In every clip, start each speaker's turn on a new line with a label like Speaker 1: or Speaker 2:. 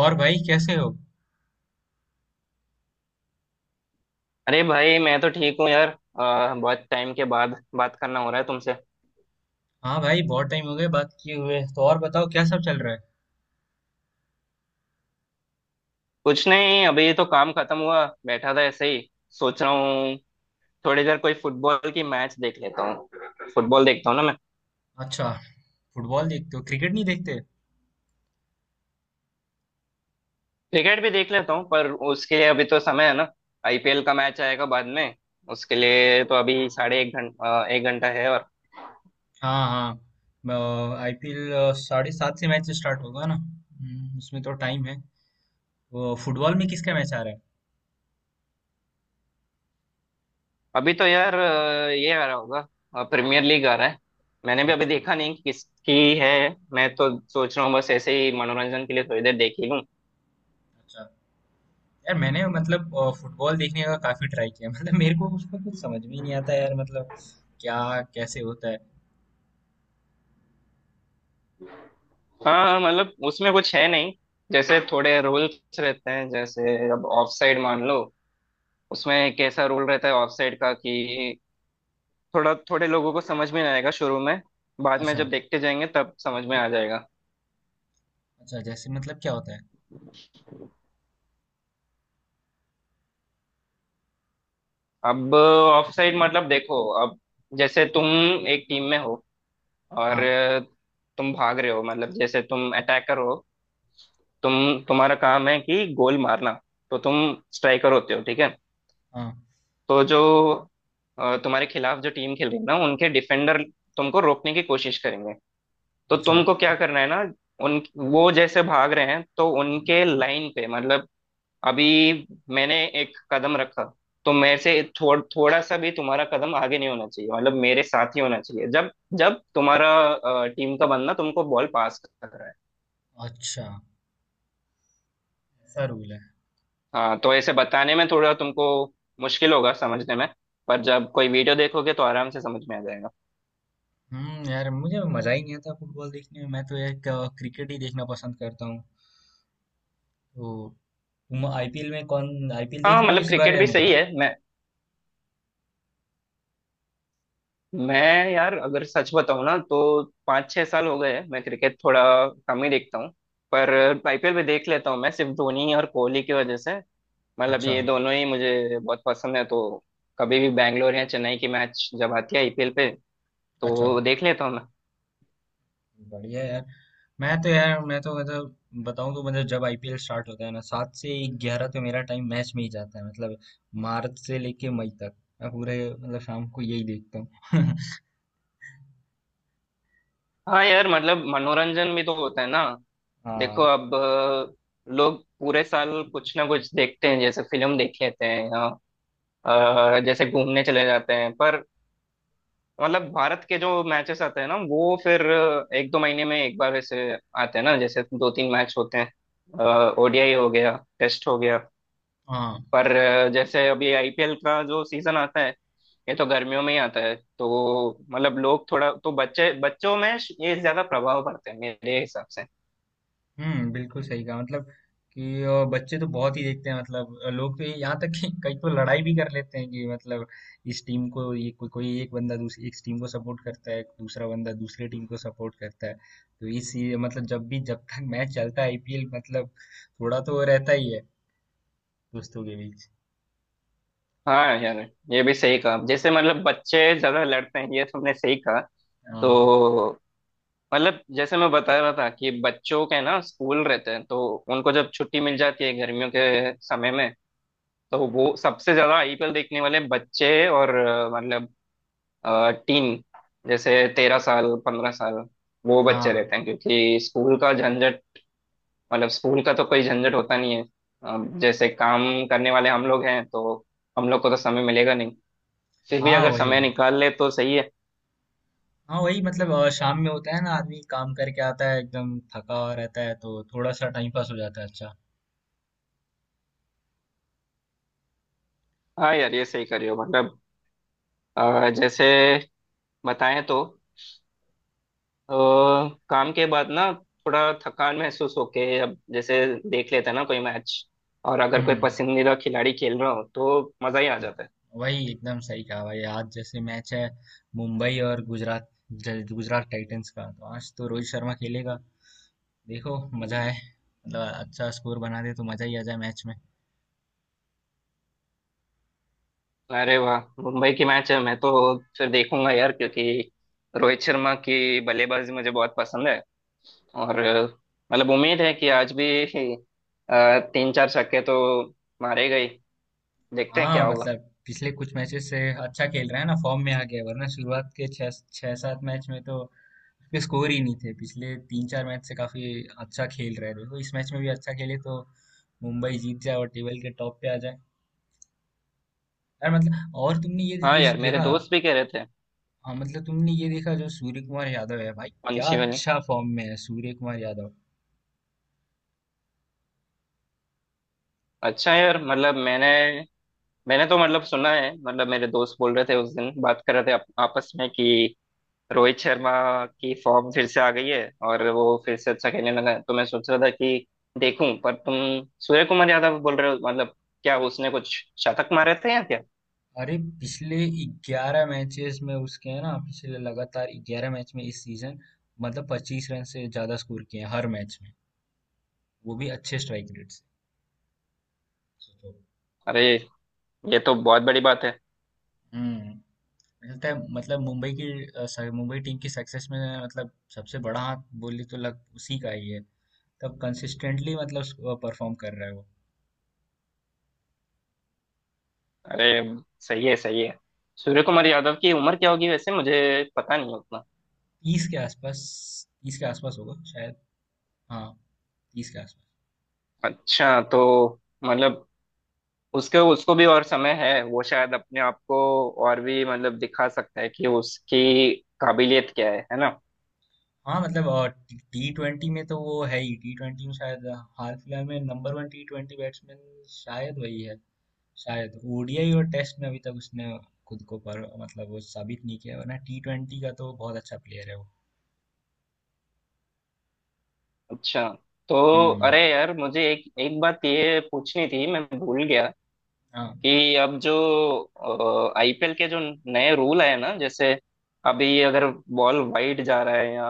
Speaker 1: और भाई कैसे हो?
Speaker 2: अरे भाई मैं तो ठीक हूँ यार। बहुत टाइम के बाद बात करना हो रहा है तुमसे।
Speaker 1: हाँ भाई, बहुत टाइम हो गए बात किए हुए। तो और बताओ, क्या सब चल रहा है?
Speaker 2: कुछ नहीं, अभी तो काम खत्म हुआ, बैठा था ऐसे ही। सोच रहा हूँ थोड़ी देर कोई फुटबॉल की मैच देख लेता हूँ। फुटबॉल देखता हूँ ना मैं।
Speaker 1: अच्छा। फुटबॉल देखते हो, क्रिकेट नहीं देखते?
Speaker 2: क्रिकेट भी देख लेता हूँ पर उसके लिए अभी तो समय है ना। आईपीएल का मैच आएगा बाद में। उसके लिए तो अभी 1.5 घंटा 1 घंटा है और
Speaker 1: हाँ हाँ, आईपीएल। 7:30 से मैच स्टार्ट होगा ना, उसमें तो टाइम है। वो फुटबॉल में किसका मैच आ रहा है?
Speaker 2: अभी तो यार ये आ रहा होगा। प्रीमियर लीग आ रहा है। मैंने भी अभी
Speaker 1: अच्छा।
Speaker 2: देखा नहीं कि किसकी है। मैं तो सोच रहा हूँ बस ऐसे ही मनोरंजन के लिए थोड़ी देर देख ही लूँ।
Speaker 1: अच्छा यार, मैंने मतलब फुटबॉल देखने का काफी ट्राई किया मतलब मेरे को उसका कुछ समझ में ही नहीं आता यार, मतलब। क्या? कैसे होता है?
Speaker 2: हाँ हाँ, मतलब उसमें कुछ है नहीं। जैसे थोड़े रूल्स रहते हैं। जैसे अब ऑफ साइड मान लो, उसमें एक ऐसा रूल रहता है ऑफ साइड का कि थोड़ा थोड़े लोगों को समझ में नहीं आएगा शुरू में। बाद में
Speaker 1: अच्छा।
Speaker 2: जब देखते जाएंगे तब समझ में आ जाएगा।
Speaker 1: अच्छा, जैसे मतलब क्या होता है?
Speaker 2: अब ऑफ साइड मतलब देखो, अब जैसे तुम एक टीम में हो और
Speaker 1: हाँ।
Speaker 2: तुम भाग रहे हो, मतलब जैसे तुम अटैकर हो। तुम तुम्हारा काम है कि गोल मारना। तो तुम स्ट्राइकर होते हो, ठीक है।
Speaker 1: हाँ।
Speaker 2: तो जो तुम्हारे खिलाफ जो टीम खेल रही है ना, उनके डिफेंडर तुमको रोकने की कोशिश करेंगे। तो
Speaker 1: अच्छा।
Speaker 2: तुमको क्या करना है ना, उन वो जैसे भाग रहे हैं, तो उनके लाइन पे मतलब अभी मैंने एक कदम रखा, तो मेरे से थोड़ा सा भी तुम्हारा कदम आगे नहीं होना चाहिए। मतलब मेरे साथ ही होना चाहिए जब जब तुम्हारा टीम का बंदा तुमको बॉल पास कर रहा है।
Speaker 1: अच्छा, ऐसा रूल है?
Speaker 2: हाँ, तो ऐसे बताने में थोड़ा तुमको मुश्किल होगा समझने में, पर जब कोई वीडियो देखोगे तो आराम से समझ में आ जाएगा।
Speaker 1: यार, मुझे मजा ही नहीं आता फुटबॉल देखने में। मैं तो यार क्रिकेट ही देखना पसंद करता हूँ। तो तुम आईपीएल में, कौन आईपीएल
Speaker 2: हाँ
Speaker 1: देख
Speaker 2: हाँ,
Speaker 1: रहे हो
Speaker 2: मतलब
Speaker 1: इस बार
Speaker 2: क्रिकेट
Speaker 1: या
Speaker 2: भी
Speaker 1: नहीं?
Speaker 2: सही है। मैं यार अगर सच बताऊँ ना तो 5-6 साल हो गए हैं, मैं क्रिकेट थोड़ा कम ही देखता हूँ। पर आईपीएल भी देख लेता हूँ मैं, सिर्फ धोनी और कोहली की वजह से। मतलब
Speaker 1: अच्छा।
Speaker 2: ये दोनों ही मुझे बहुत पसंद है, तो कभी भी बैंगलोर या चेन्नई की मैच जब आती है आईपीएल पे,
Speaker 1: अच्छा,
Speaker 2: तो देख लेता हूँ मैं।
Speaker 1: बढ़िया यार। मैं तो यार, मैं तो मतलब, बताऊं तो मतलब, जब आईपीएल स्टार्ट होता है ना, 7 से 11 तो मेरा टाइम मैच में ही जाता है मतलब। मार्च से लेके मई तक मैं पूरे मतलब शाम को यही देखता हूँ।
Speaker 2: हाँ यार, मतलब मनोरंजन भी तो होता है ना। देखो
Speaker 1: हाँ।
Speaker 2: अब लोग पूरे साल कुछ ना कुछ देखते हैं। जैसे फिल्म देख लेते हैं या जैसे घूमने चले जाते हैं। पर मतलब भारत के जो मैचेस आते हैं ना, वो फिर 1-2 महीने में एक बार वैसे आते हैं ना। जैसे 2-3 मैच होते हैं, ओडीआई हो गया, टेस्ट हो गया।
Speaker 1: हाँ।
Speaker 2: पर जैसे अभी आईपीएल का जो सीजन आता है, ये तो गर्मियों में ही आता है, तो मतलब लोग थोड़ा तो बच्चे बच्चों में ये ज्यादा प्रभाव पड़ते हैं मेरे हिसाब से।
Speaker 1: हुँ, बिल्कुल सही कहा मतलब, कि बच्चे तो बहुत ही देखते हैं, मतलब लोग तो ये, यहाँ तक कि कई तो लड़ाई भी कर लेते हैं कि मतलब, इस टीम को कोई एक बंदा दूसरी इस टीम को सपोर्ट करता है, दूसरा बंदा दूसरे टीम को सपोर्ट करता है। तो इस ये मतलब, जब भी जब तक मैच चलता है आईपीएल, मतलब थोड़ा तो रहता ही है दोस्तों के बीच।
Speaker 2: हाँ यार, ये भी सही कहा। जैसे मतलब बच्चे ज्यादा लड़ते हैं, ये तुमने सही कहा। तो
Speaker 1: हाँ।
Speaker 2: मतलब जैसे मैं बता रहा था कि बच्चों के ना स्कूल रहते हैं, तो उनको जब छुट्टी मिल जाती है गर्मियों के समय में, तो वो सबसे ज्यादा आईपीएल देखने वाले बच्चे और मतलब टीन, जैसे 13 साल 15 साल, वो बच्चे
Speaker 1: हाँ।
Speaker 2: रहते हैं क्योंकि स्कूल का झंझट, मतलब स्कूल का तो कोई झंझट होता नहीं है। जैसे काम करने वाले हम लोग हैं, तो हम लोग को तो समय मिलेगा नहीं। फिर भी
Speaker 1: हाँ,
Speaker 2: अगर समय
Speaker 1: वही।
Speaker 2: निकाल ले तो सही है।
Speaker 1: हाँ वही मतलब, शाम में होता है ना, आदमी काम करके आता है एकदम थका हुआ रहता है तो थोड़ा सा टाइम पास हो जाता है, अच्छा।
Speaker 2: हाँ यार, ये सही करियो। मतलब जैसे बताएं तो अ, काम के बाद ना थोड़ा थकान महसूस होके, अब जैसे देख लेते हैं ना कोई मैच, और अगर कोई
Speaker 1: हुँ।
Speaker 2: पसंदीदा खिलाड़ी खेल रहा हो तो मजा ही आ जाता है।
Speaker 1: वही एकदम सही कहा भाई, आज जैसे मैच है मुंबई और गुजरात, गुजरात टाइटंस का, तो आज तो रोहित शर्मा खेलेगा। देखो, मजा है मतलब, अच्छा स्कोर बना दे तो मजा ही आ जाए मैच में।
Speaker 2: अरे वाह, मुंबई की मैच है! मैं तो फिर देखूंगा यार, क्योंकि रोहित शर्मा की बल्लेबाजी मुझे बहुत पसंद है। और मतलब उम्मीद है कि आज भी 3-4 छक्के तो मारे गए। देखते हैं
Speaker 1: हाँ
Speaker 2: क्या होगा।
Speaker 1: मतलब, पिछले कुछ मैचेस से अच्छा खेल रहा है ना, फॉर्म में आ गया है। वरना शुरुआत के छह छह सात मैच में तो उसके स्कोर ही नहीं थे, पिछले तीन चार मैच से काफी अच्छा खेल रहे थे। देखो इस मैच में भी अच्छा खेले तो मुंबई जीत जाए और टेबल के टॉप पे आ जाए। यार मतलब, और तुमने ये
Speaker 2: हाँ
Speaker 1: ये
Speaker 2: यार, मेरे
Speaker 1: देखा?
Speaker 2: दोस्त भी कह रहे थे
Speaker 1: हाँ मतलब, तुमने ये देखा जो सूर्य कुमार यादव है भाई, क्या
Speaker 2: पंछी वाली।
Speaker 1: अच्छा फॉर्म में है सूर्य कुमार यादव।
Speaker 2: अच्छा यार, मतलब मैंने मैंने तो मतलब सुना है। मतलब मेरे दोस्त बोल रहे थे उस दिन, बात कर रहे थे आपस में कि रोहित शर्मा की फॉर्म फिर से आ गई है और वो फिर से अच्छा खेलने लगा है। तो मैं सोच रहा था कि देखूं, पर तुम सूर्य कुमार यादव बोल रहे हो। मतलब क्या उसने कुछ शतक मारे थे या क्या?
Speaker 1: अरे, पिछले 11 मैचेस में, उसके है ना, पिछले लगातार 11 मैच में इस सीजन मतलब 25 रन से ज्यादा स्कोर किए हैं हर मैच में। वो भी अच्छे स्ट्राइक रेट से। सोचो।
Speaker 2: अरे, ये तो बहुत बड़ी बात है!
Speaker 1: हम्म। मुझे लगता है मतलब मुंबई की मुंबई टीम की सक्सेस में, मतलब सबसे बड़ा हाथ बोली तो लग उसी का ही है। तब कंसिस्टेंटली मतलब परफॉर्म कर रहा है वो।
Speaker 2: अरे, सही है, सही है। सूर्य कुमार यादव की उम्र क्या होगी वैसे, मुझे पता नहीं उतना।
Speaker 1: तीस के आसपास। तीस के आसपास होगा शायद। हाँ, 30 के आसपास।
Speaker 2: अच्छा, तो मतलब उसके उसको भी और समय है। वो शायद अपने आप को और भी मतलब दिखा सकता है कि उसकी काबिलियत क्या है ना।
Speaker 1: हाँ मतलब, टी ट्वेंटी में तो वो है ही, टी ट्वेंटी में शायद हाल फिलहाल में number one T twenty batsman शायद वही है। शायद। ओडीआई और टेस्ट में अभी तक उसने खुद को, पर मतलब वो साबित नहीं किया। वरना टी ट्वेंटी का तो बहुत अच्छा प्लेयर है वो।
Speaker 2: अच्छा। तो
Speaker 1: हम्म।
Speaker 2: अरे यार, मुझे एक एक बात ये पूछनी थी, मैं भूल गया
Speaker 1: हाँ।
Speaker 2: कि अब जो आईपीएल के जो नए रूल आए ना, जैसे अभी अगर बॉल वाइड जा रहा है या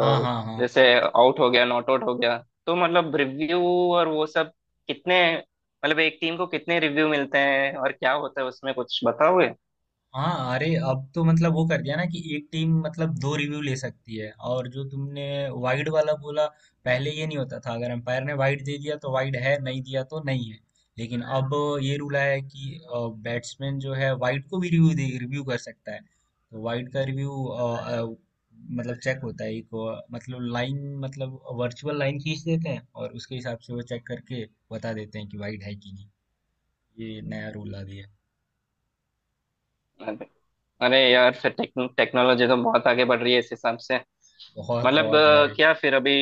Speaker 1: हाँ हाँ हाँ।
Speaker 2: जैसे आउट हो गया, नॉट आउट हो गया, तो मतलब रिव्यू और वो सब, कितने मतलब एक टीम को कितने रिव्यू मिलते हैं और क्या होता है उसमें, कुछ बताओगे?
Speaker 1: हाँ अरे अब तो मतलब वो कर दिया ना, कि एक टीम मतलब 2 रिव्यू ले सकती है। और जो तुमने वाइड वाला बोला, पहले ये नहीं होता था। अगर अंपायर ने वाइड दे दिया तो वाइड है, नहीं दिया तो नहीं है। लेकिन अब ये रूल आया है कि बैट्समैन जो है, वाइड को भी रिव्यू दे रिव्यू कर सकता है। तो वाइड का रिव्यू मतलब चेक होता है, एक मतलब लाइन, मतलब वर्चुअल लाइन खींच देते हैं और उसके हिसाब से वो चेक करके बता देते हैं कि वाइड है कि नहीं। ये नया रूल आ दिया है।
Speaker 2: अरे, अरे यार, फिर टेक्नोलॉजी तो बहुत आगे बढ़ रही है इस हिसाब से।
Speaker 1: बहुत
Speaker 2: मतलब
Speaker 1: बहुत भाई।
Speaker 2: क्या फिर अभी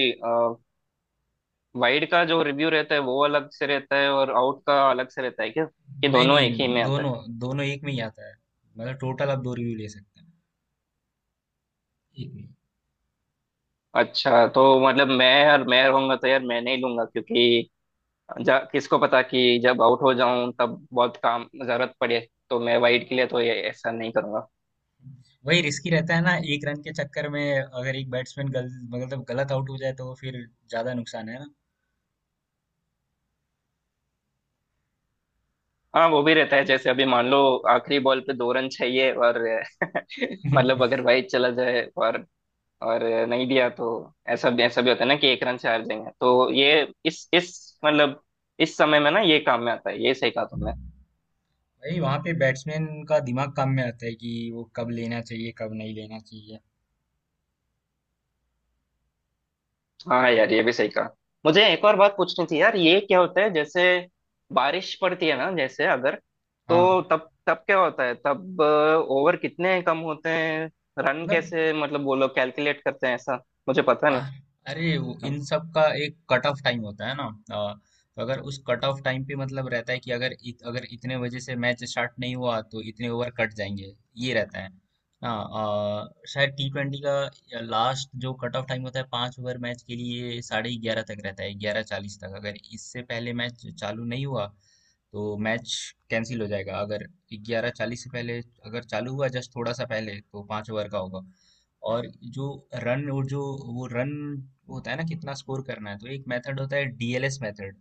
Speaker 2: वाइड का जो रिव्यू रहता है वो अलग से रहता है और आउट का अलग से रहता है, क्या कि
Speaker 1: नहीं,
Speaker 2: दोनों
Speaker 1: नहीं,
Speaker 2: एक ही में आता है?
Speaker 1: दोनों दोनों एक में ही आता है। मतलब टोटल आप 2 रिव्यू ले सकते हैं, एक में ही।
Speaker 2: अच्छा तो मतलब मैं यार, मैं रहूंगा तो यार मैं नहीं लूंगा, क्योंकि किसको पता कि जब आउट हो जाऊं तब बहुत काम, जरूरत पड़े। तो मैं वाइड के लिए तो ये ऐसा नहीं करूंगा।
Speaker 1: वही रिस्की रहता है ना, एक रन के चक्कर में अगर एक बैट्समैन गल मतलब गलत आउट हो जाए तो फिर ज़्यादा नुकसान है ना।
Speaker 2: हाँ, वो भी रहता है। जैसे अभी मान लो आखिरी बॉल पे 2 रन चाहिए और मतलब अगर वाइड चला जाए और नहीं दिया तो ऐसा भी, ऐसा भी होता है ना कि 1 रन से हार जाएंगे, तो ये इस मतलब इस समय में ना ये काम में आता है। ये सही कहा तुमने।
Speaker 1: वही वहाँ पे बैट्समैन का दिमाग काम में आता है कि वो कब लेना चाहिए, कब नहीं लेना चाहिए।
Speaker 2: हाँ यार, ये भी सही कहा। मुझे एक और बात पूछनी थी यार, ये क्या होता है जैसे बारिश पड़ती है ना, जैसे अगर,
Speaker 1: हाँ,
Speaker 2: तो तब तब क्या होता है, तब ओवर कितने कम होते हैं, रन
Speaker 1: मतलब
Speaker 2: कैसे मतलब वो लोग कैलकुलेट करते हैं ऐसा, मुझे पता नहीं।
Speaker 1: आ- अरे, वो इन सब का एक कट ऑफ टाइम होता है ना। तो अगर उस कट ऑफ टाइम पे मतलब रहता है कि अगर इतने बजे से मैच स्टार्ट नहीं हुआ तो इतने ओवर कट जाएंगे, ये रहता है ना। शायद टी ट्वेंटी का लास्ट जो कट ऑफ टाइम होता है 5 ओवर मैच के लिए, 11:30 तक रहता है, 11:40 तक। अगर इससे पहले मैच चालू नहीं हुआ तो मैच कैंसिल हो जाएगा। अगर 11:40 से पहले, अगर चालू हुआ जस्ट थोड़ा सा पहले, तो 5 ओवर का होगा। और जो रन, और जो वो रन होता है ना, कितना स्कोर करना है, तो एक मेथड होता है, DLS method.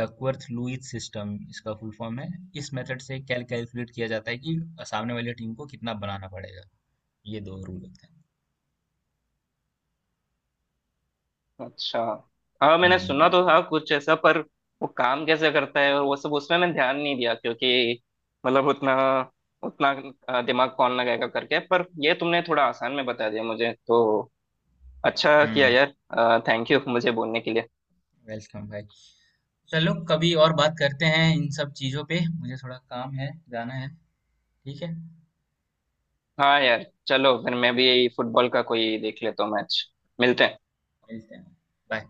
Speaker 1: Duckworth Lewis system इसका फुल फॉर्म है। इस मेथड से कैलकुलेट किया जाता है कि सामने वाली टीम को कितना बनाना पड़ेगा। ये 2 रूल होते हैं।
Speaker 2: अच्छा। हाँ, मैंने सुना
Speaker 1: हम्म।
Speaker 2: तो था कुछ ऐसा, पर वो काम कैसे करता है और वो सब, उसमें मैं ध्यान नहीं दिया, क्योंकि मतलब उतना उतना दिमाग कौन लगाएगा, करके। पर ये तुमने थोड़ा आसान में बता दिया मुझे, तो अच्छा किया
Speaker 1: हम्म।
Speaker 2: यार। थैंक यू मुझे बोलने के लिए।
Speaker 1: वेलकम भाई। चलो, कभी और बात करते हैं इन सब चीजों पे। मुझे थोड़ा काम है, जाना है। ठीक है।
Speaker 2: हाँ यार चलो, फिर मैं भी फुटबॉल का कोई देख लेता हूँ मैच। मिलते हैं।
Speaker 1: मिलते हैं। बाय।